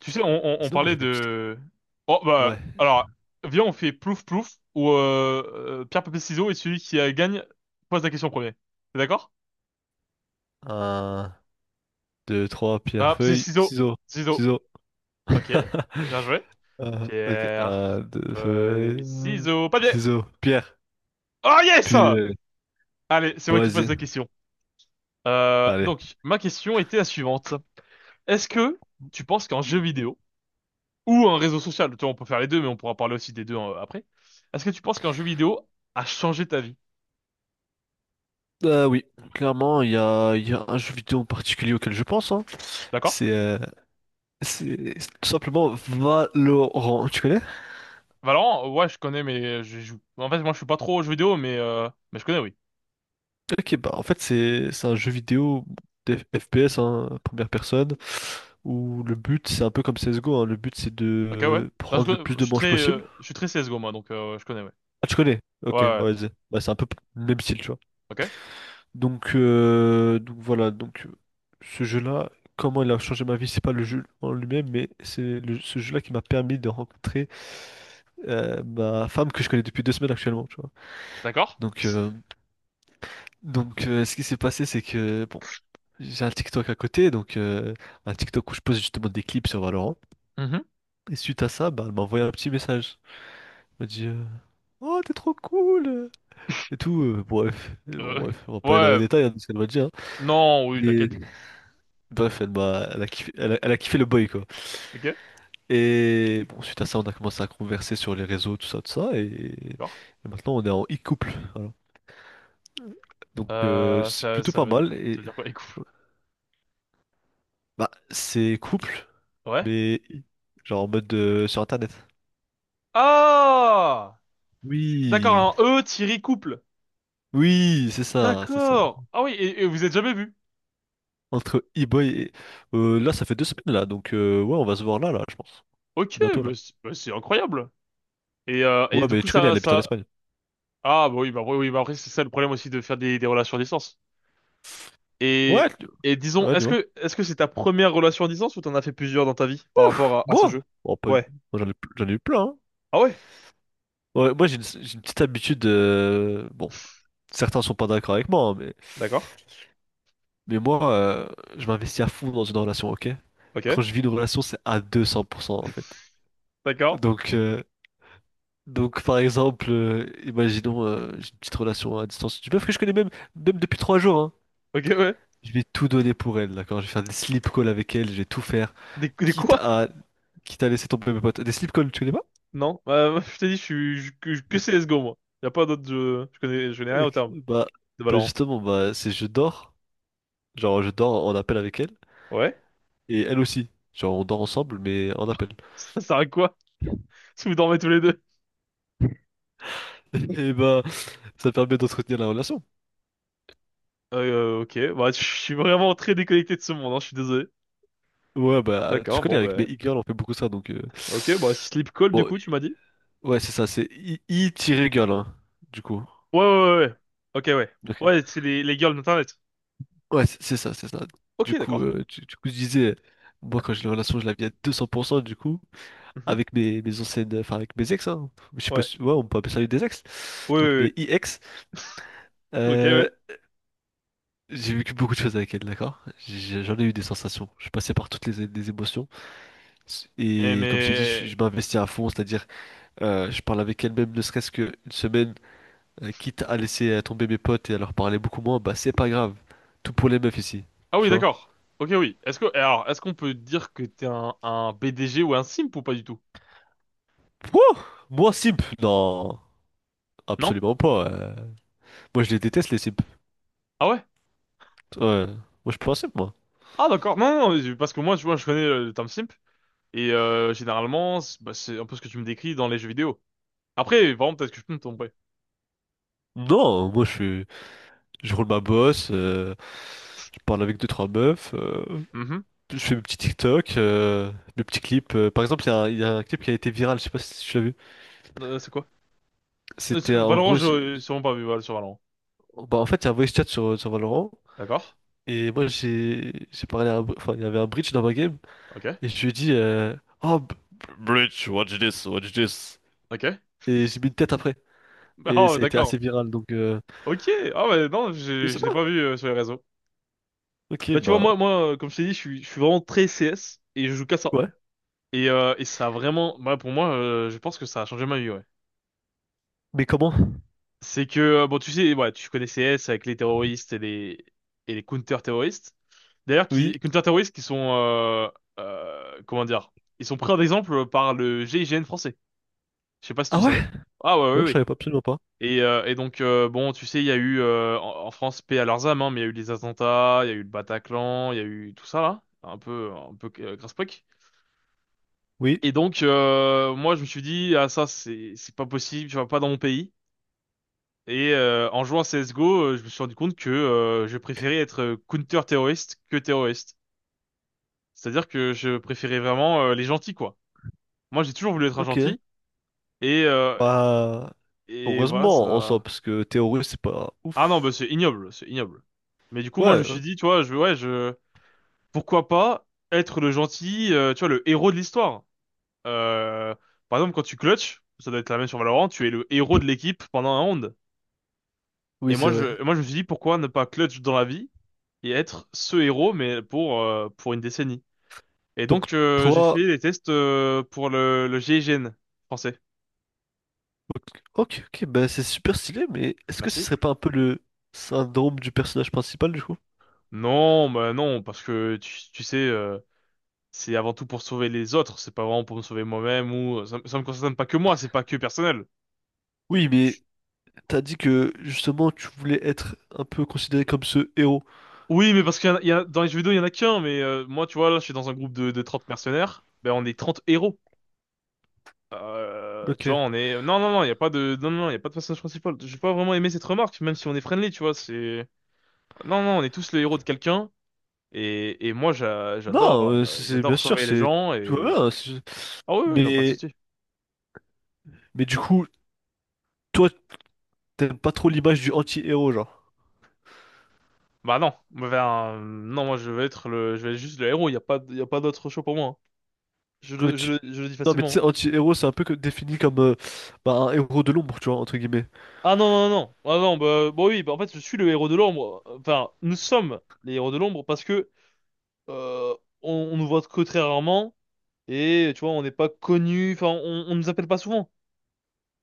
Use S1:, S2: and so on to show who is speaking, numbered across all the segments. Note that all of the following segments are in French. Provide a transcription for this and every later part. S1: Tu sais, on
S2: Sinon, moi,
S1: parlait
S2: j'avais une petite...
S1: de... Oh, bah,
S2: Ouais.
S1: alors, viens, on fait plouf plouf, où pierre, papier, ciseaux, et celui qui gagne pose la question en premier. T'es d'accord?
S2: Un, deux, trois, pierre,
S1: Ah, c'est
S2: feuille,
S1: ciseaux.
S2: ciseaux.
S1: Ciseaux.
S2: Ciseaux.
S1: Ok, bien joué.
S2: Ok.
S1: Pierre,
S2: Un, deux, feuille,
S1: feuille, ciseaux, papier.
S2: ciseaux, pierre.
S1: Oh yes!
S2: Puis,
S1: Allez, c'est
S2: bon,
S1: moi qui pose
S2: vas-y.
S1: la question.
S2: Allez.
S1: Donc, ma question était la suivante. Est-ce que tu penses qu'un jeu vidéo, ou un réseau social, tu vois, on peut faire les deux, mais on pourra parler aussi des deux après. Est-ce que tu penses qu'un jeu vidéo a changé ta vie?
S2: Oui, clairement, il y a un jeu vidéo en particulier auquel je pense, hein.
S1: D'accord?
S2: C'est c'est tout simplement Valorant. Tu connais?
S1: Valorant, ouais, je connais, mais je joue. En fait, moi, je suis pas trop aux jeux vidéo, mais je connais, oui.
S2: Ok, bah en fait c'est un jeu vidéo FPS, hein, première personne, où le but c'est un peu comme CSGO, hein, le but c'est
S1: Ok, ouais.
S2: de
S1: Parce
S2: prendre le
S1: que
S2: plus
S1: je
S2: de
S1: suis
S2: manches
S1: très,
S2: possible.
S1: euh, je suis très CS:GO, moi, je connais, ouais.
S2: Ah tu connais?
S1: Ouais, ouais,
S2: Ok,
S1: ouais.
S2: bah vas-y. Bah, c'est un peu le même style, tu vois.
S1: Ok,
S2: Donc voilà, ce jeu-là, comment il a changé ma vie, c'est pas le jeu en lui-même, mais ce jeu-là qui m'a permis de rencontrer ma femme que je connais depuis 2 semaines actuellement, tu vois.
S1: d'accord.
S2: Donc, euh, Ce qui s'est passé, c'est que bon, j'ai un TikTok à côté, un TikTok où je pose justement des clips sur Valorant.
S1: Mhm.
S2: Et suite à ça, bah, elle m'a envoyé un petit message. Elle m'a dit Oh, t'es trop cool! Et tout, bref. Et bon,
S1: Ok.
S2: bref, on va pas aller dans les
S1: Ouais,
S2: détails, hein, de ce qu'elle m'a dit, hein.
S1: non, oui,
S2: Mais
S1: t'inquiète.
S2: bref, elle a kiffé, elle a kiffé le boy, quoi.
S1: Ok,
S2: Et bon, suite à ça, on a commencé à converser sur les réseaux, tout ça, tout ça. Et,
S1: d'accord.
S2: et maintenant, on est en e-couple. Voilà. Donc,
S1: Euh,
S2: c'est
S1: ça,
S2: plutôt
S1: ça
S2: pas
S1: veut,
S2: mal.
S1: ça
S2: Et
S1: veut dire quoi, les couples?
S2: bah, c'est couple,
S1: Ouais.
S2: mais genre en mode sur Internet.
S1: Ah!
S2: Oui,
S1: D'accord, un E tiré couple.
S2: oui, c'est ça, c'est ça.
S1: D'accord. Ah oui, et vous êtes jamais vu.
S2: Entre e-boy et... là, ça fait 2 semaines, là. Donc, ouais, on va se voir là, là, je pense.
S1: Ok,
S2: Bientôt,
S1: bah
S2: là.
S1: c'est bah c'est incroyable. Et
S2: Ouais,
S1: du
S2: mais
S1: coup,
S2: tu connais,
S1: ça,
S2: elle habite en
S1: ça,
S2: Espagne.
S1: ah bah oui, oui, bah après c'est ça le problème aussi de faire des relations à distance.
S2: Ouais,
S1: Et,
S2: tu-
S1: et disons,
S2: ouais,
S1: est-ce
S2: Dis-moi.
S1: que est-ce que c'est ta première relation à distance ou t'en as fait plusieurs dans ta vie par rapport
S2: Ouf,
S1: à ce
S2: bon.
S1: jeu?
S2: Bon, pas lui.
S1: Ouais.
S2: Moi, j'en ai eu plein, hein.
S1: Ah ouais?
S2: Ouais, moi, j'ai une petite habitude. Bon, certains sont pas d'accord avec moi, hein, mais,
S1: D'accord.
S2: mais moi, euh, je m'investis à fond dans une relation, ok?
S1: Ok.
S2: Quand je vis une relation, c'est à 200% en fait.
S1: D'accord.
S2: Donc, euh, Donc, par exemple, imaginons, j'ai une petite relation à distance d'une meuf que je connais même, même depuis 3 jours, hein.
S1: Ok, ouais.
S2: Je vais tout donner pour elle, d'accord? Je vais faire des sleep calls avec elle, je vais tout faire,
S1: Des
S2: quitte
S1: quoi?
S2: à, quitte à laisser tomber mes potes. Des sleep calls, tu connais pas?
S1: Non. Moi, je t'ai dit, je suis je- que CSGO moi. Y a pas d'autres jeux. Je connais rien au
S2: Ok,
S1: terme
S2: bah,
S1: de
S2: bah
S1: Valorant.
S2: justement, bah, genre je dors en appel avec elle,
S1: Ouais?
S2: et elle aussi. Genre on dort ensemble, mais en appel.
S1: Ça sert à quoi? Si vous dormez tous les deux.
S2: Et bah, ça permet d'entretenir la relation.
S1: Ok. Bah je suis vraiment très déconnecté de ce monde, hein, je suis désolé.
S2: Ouais, bah, tu
S1: D'accord,
S2: connais,
S1: bon
S2: avec mes
S1: bah.
S2: e-girls, on fait beaucoup ça, donc...
S1: Ok, bah sleep call du
S2: Bon,
S1: coup, tu m'as dit?
S2: ouais, c'est ça, c'est i girl, hein, du coup.
S1: Ouais, ouais, ouais, ouais. Ok, ouais.
S2: Ok.
S1: Ouais, c'est les girls d'Internet.
S2: Ouais, c'est c'est ça.
S1: Ok,
S2: Du coup,
S1: d'accord.
S2: du coup, je disais, moi, quand j'ai une relation, je la vis à 200%, du coup,
S1: Mhm.
S2: avec mes anciennes, enfin, avec mes ex, hein. Je sais pas
S1: Ouais.
S2: si, ouais, on peut appeler ça des ex.
S1: Ouais,
S2: Donc, mes
S1: ouais,
S2: ex,
S1: ouais. Ok, ouais.
S2: euh, j'ai vécu beaucoup de choses avec elle, d'accord? J'en ai eu des sensations. Je passais par toutes les émotions.
S1: Et
S2: Et comme je t'ai dit,
S1: mais...
S2: je m'investis à fond, c'est-à-dire, je parle avec elle même, ne serait-ce qu'une semaine, quitte à laisser tomber mes potes et à leur parler beaucoup moins, bah, c'est pas grave. Tout pour les meufs ici,
S1: Ah
S2: tu
S1: oui,
S2: vois?
S1: d'accord. Ok, oui. Est-ce que... Alors, est-ce qu'on peut dire que t'es un BDG ou un simp ou pas du tout?
S2: Wouh! Moi, simp! Non,
S1: Non?
S2: absolument pas. Moi, je les déteste, les simps.
S1: Ah ouais?
S2: Ouais. Moi, je suis pas un simp, moi.
S1: Ah d'accord. Non, non, non, parce que moi, tu vois, je connais le terme simp. Généralement, c'est un peu ce que tu me décris dans les jeux vidéo. Après, vraiment, peut-être que je peux me tromper.
S2: Non, moi, je suis... je roule ma bosse, je parle avec deux, trois meufs,
S1: Mhm.
S2: je fais mes petits TikTok, mes petits clips. Par exemple, il y a un clip qui a été viral, je sais pas si tu l'as vu.
S1: C'est quoi?
S2: C'était en
S1: Valorant,
S2: gros,
S1: je sûrement pas vu sur Valorant.
S2: bah, en fait, il y a un voice chat sur, sur Valorant,
S1: D'accord.
S2: et moi, j'ai parlé à un... enfin, il y avait un bridge dans ma game,
S1: Ok.
S2: et je lui ai dit Oh, bridge, watch this, watch this.
S1: Ok.
S2: Et j'ai mis une tête après, et
S1: Oh,
S2: ça a été
S1: d'accord.
S2: assez viral,
S1: Ok, ah ouais, non,
S2: je
S1: je,
S2: sais
S1: je l'ai
S2: pas.
S1: pas vu sur les réseaux.
S2: Ok,
S1: Bah, tu vois,
S2: bah
S1: moi, comme je t'ai dit, je suis vraiment très CS et je joue qu'à ça.
S2: ouais.
S1: Et ça a vraiment, bah, pour moi, je pense que ça a changé ma vie, ouais.
S2: Mais comment?
S1: C'est que, bon, tu sais, ouais, tu connais CS avec les terroristes et les counter-terroristes. D'ailleurs,
S2: Oui.
S1: counter-terroristes qui sont, comment dire, ils sont pris en exemple par le GIGN français. Je sais pas si
S2: Ah
S1: tu
S2: ouais?
S1: savais. Ah ouais, ouais,
S2: Non, je
S1: ouais.
S2: savais pas, absolument pas.
S1: Et donc, bon, tu sais, il y a eu, en France, paix à leurs âmes, hein, mais il y a eu les attentats, il y a eu le Bataclan, il y a eu tout ça, là. Un peu, grasse-poque.
S2: Oui.
S1: Et donc, moi, je me suis dit, ah, ça, c'est pas possible, tu vois, pas dans mon pays. En jouant à CSGO, je me suis rendu compte que je préférais être counter-terroriste que terroriste. C'est-à-dire que je préférais vraiment les gentils, quoi. Moi, j'ai toujours voulu être un
S2: Ok.
S1: gentil. Et, euh,
S2: Bah
S1: et voilà,
S2: heureusement en soi,
S1: ça...
S2: parce que théorie c'est pas
S1: Ah non, bah,
S2: ouf.
S1: c'est ignoble, c'est ignoble. Mais du coup,
S2: Ouais.
S1: moi, je me suis dit, tu vois, je, ouais, je... pourquoi pas être le gentil, tu vois, le héros de l'histoire. Euh, Par exemple, quand tu clutches, ça doit être la même sur Valorant, tu es le héros de l'équipe pendant un round.
S2: Oui,
S1: Et
S2: c'est
S1: moi,
S2: vrai.
S1: moi, je me suis dit, pourquoi ne pas clutch dans la vie et être ce héros, mais pour une décennie. Et
S2: Donc
S1: donc, j'ai
S2: toi,
S1: fait les tests pour le GIGN français.
S2: ok, ok, bah c'est super stylé, mais est-ce que ce
S1: Merci.
S2: serait pas un peu le syndrome du personnage principal du coup?
S1: Non, bah non, parce que tu sais, c'est avant tout pour sauver les autres, c'est pas vraiment pour me sauver moi-même ou ça me concerne pas que moi, c'est pas que personnel.
S2: Oui, mais t'as dit que justement tu voulais être un peu considéré comme ce héros.
S1: Oui, mais parce qu'il y en a, il y a- dans les jeux vidéo, il y en a qu'un, mais moi, tu vois, là, je suis dans un groupe de 30 mercenaires, ben, on est 30 héros. Tu vois,
S2: Ok.
S1: on est... Non, non, non, il y a pas de... Non, non, non, il y a pas de personnage principal. J'ai pas vraiment aimé cette remarque, même si on est friendly, tu vois, c'est... Non, non, on est tous les héros de quelqu'un, et moi, j'a-
S2: Non,
S1: j'adore euh,
S2: c'est bien
S1: j'adore
S2: sûr,
S1: sauver les
S2: c'est
S1: gens,
S2: tout va
S1: et...
S2: bien.
S1: Ah oui, oui, non, pas de
S2: Mais
S1: souci.
S2: Mais du coup, toi, t'aimes pas trop l'image du anti-héros, genre.
S1: Bah non, ben, non, moi, je vais être le... Je vais être juste le héros, il y a pas d'autre choix pour moi, hein. Je,
S2: Mais
S1: le- je,
S2: tu-
S1: le- je le dis
S2: Non, mais tu
S1: facilement,
S2: sais,
S1: hein.
S2: anti-héros, c'est un peu défini comme bah, un héros de l'ombre, tu vois, entre guillemets.
S1: Ah non, non, non. Ah non, bah, bon oui, bah, en fait, je suis le héros de l'ombre. Enfin, nous sommes les héros de l'ombre parce que euh, on nous voit que très rarement et tu vois, on n'est pas connus, enfin, on nous appelle pas souvent.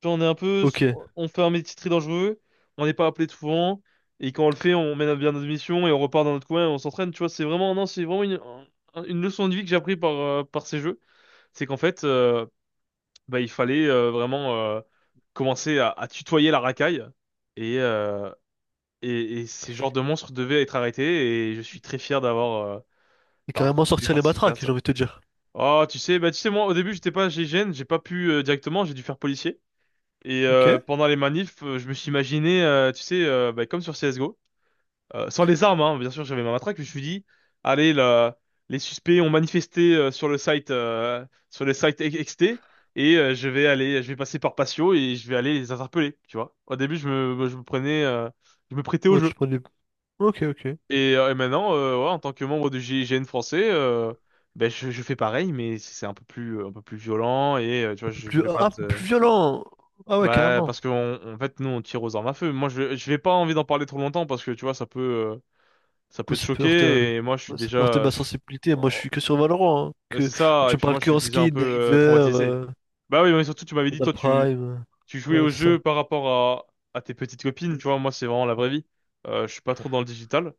S1: Tu vois, on est un peu,
S2: Ok. Et
S1: on fait un métier très dangereux, on n'est pas appelé souvent et quand on le fait, on mène à bien notre mission et on repart dans notre coin et on s'entraîne. Tu vois, c'est vraiment, non, c'est vraiment une leçon de vie que j'ai appris par ces jeux. C'est qu'en fait, bah, il fallait vraiment commencer à tutoyer la racaille. Et, euh, et ces genres de monstres devaient être arrêtés et je suis très fier d'avoir
S2: carrément
S1: pu
S2: sortir les
S1: participer à
S2: matraques, j'ai
S1: ça.
S2: envie de te dire.
S1: Oh, tu sais, bah tu sais moi au début j'étais pas GIGN, j'ai pas pu directement, j'ai dû faire policier.
S2: Ok.
S1: Pendant les manifs, je me suis imaginé, tu sais, bah, comme sur CS:GO, sans les armes, hein, bien sûr j'avais ma matraque, mais je me suis dit, allez là, les suspects ont manifesté sur le site XT et je vais passer par patio et je vais aller les interpeller, tu vois. Au début je me prêtais au
S2: Ouais,
S1: jeu.
S2: tu prends les... Ok, ok. Un
S1: Et maintenant, ouais, en tant que membre du GIGN français, ben je fais pareil, mais c'est un peu plus violent et tu vois,
S2: peu
S1: je
S2: plus...
S1: vais pas
S2: Ah, un peu
S1: te,
S2: plus violent! Ah ouais,
S1: bah
S2: carrément.
S1: parce que en fait nous on tire aux armes à feu. Moi je vais pas envie d'en parler trop longtemps parce que tu vois ça
S2: Moi,
S1: peut te
S2: ça peut heurter,
S1: choquer et moi
S2: moi, ça peut heurter ma
S1: je suis-
S2: sensibilité. Moi, je
S1: oh,
S2: suis que sur Valorant, hein.
S1: c'est
S2: Que... moi,
S1: ça et
S2: tu me
S1: puis
S2: parles
S1: moi je
S2: que
S1: suis
S2: en
S1: déjà un
S2: skin,
S1: peu
S2: des River,
S1: traumatisé. Bah oui, mais surtout tu m'avais dit
S2: Vandal
S1: toi tu,
S2: Prime.
S1: tu jouais
S2: Ouais,
S1: au
S2: c'est ça.
S1: jeu par rapport à tes petites copines, tu vois, moi c'est vraiment la vraie vie. Je suis pas trop dans le digital,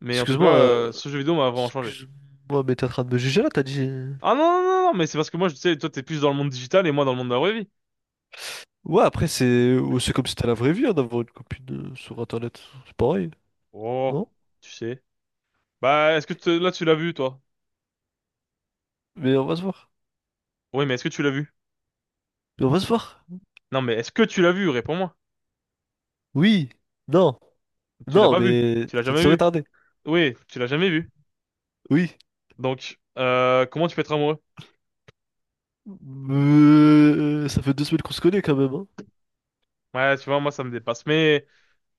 S1: mais en tout cas
S2: Excuse-moi, euh,
S1: ce jeu vidéo m'a vraiment changé.
S2: Excuse-moi, mais t'es en train de me juger là, t'as dit...
S1: Ah non, non, non, non, mais c'est parce que moi, je sais, toi, t'es plus dans le monde digital et moi dans le monde de la vraie vie.
S2: Ouais, après, c'est ou c'est comme si t'as la vraie vie, hein, d'avoir une copine sur Internet. C'est pareil,
S1: Oh,
S2: non?
S1: tu sais. Bah, là, tu l'as vu, toi?
S2: Mais on va se voir.
S1: Oui, mais est-ce que tu l'as vu?
S2: Mais on va se voir.
S1: Non, mais est-ce que tu l'as vu? Réponds-moi.
S2: Oui. Non.
S1: Tu l'as
S2: Non,
S1: pas vu.
S2: mais
S1: Tu l'as
S2: ça ne
S1: jamais
S2: saurait
S1: vu.
S2: tarder.
S1: Oui, tu l'as jamais vu.
S2: Oui.
S1: Donc, comment tu peux être amoureux?
S2: Ça fait deux semaines qu'on se connaît quand même, hein.
S1: Ouais, tu vois, moi, ça me dépasse. Mais,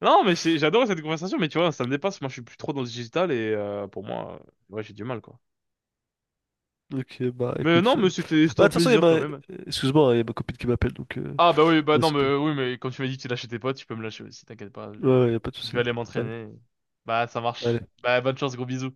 S1: non, mais j'adore cette conversation, mais tu vois, ça me dépasse. Moi, je suis plus trop dans le digital et pour moi, ouais, j'ai du mal, quoi.
S2: Donc, bah,
S1: Mais non,
S2: écoute.
S1: mais c'était
S2: Bah, de
S1: un
S2: toute façon, il y a ma...
S1: plaisir quand même.
S2: excuse-moi, hein, il y a ma copine qui m'appelle, donc...
S1: Ah bah oui, bah non,
S2: Ouais,
S1: mais oui, mais quand tu m'as dit que tu lâchais tes potes, tu peux me lâcher aussi, t'inquiète pas,
S2: ouais, y a pas de
S1: je
S2: souci.
S1: vais aller
S2: Allez,
S1: m'entraîner. Bah ça marche.
S2: allez.
S1: Bah bonne chance, gros bisous.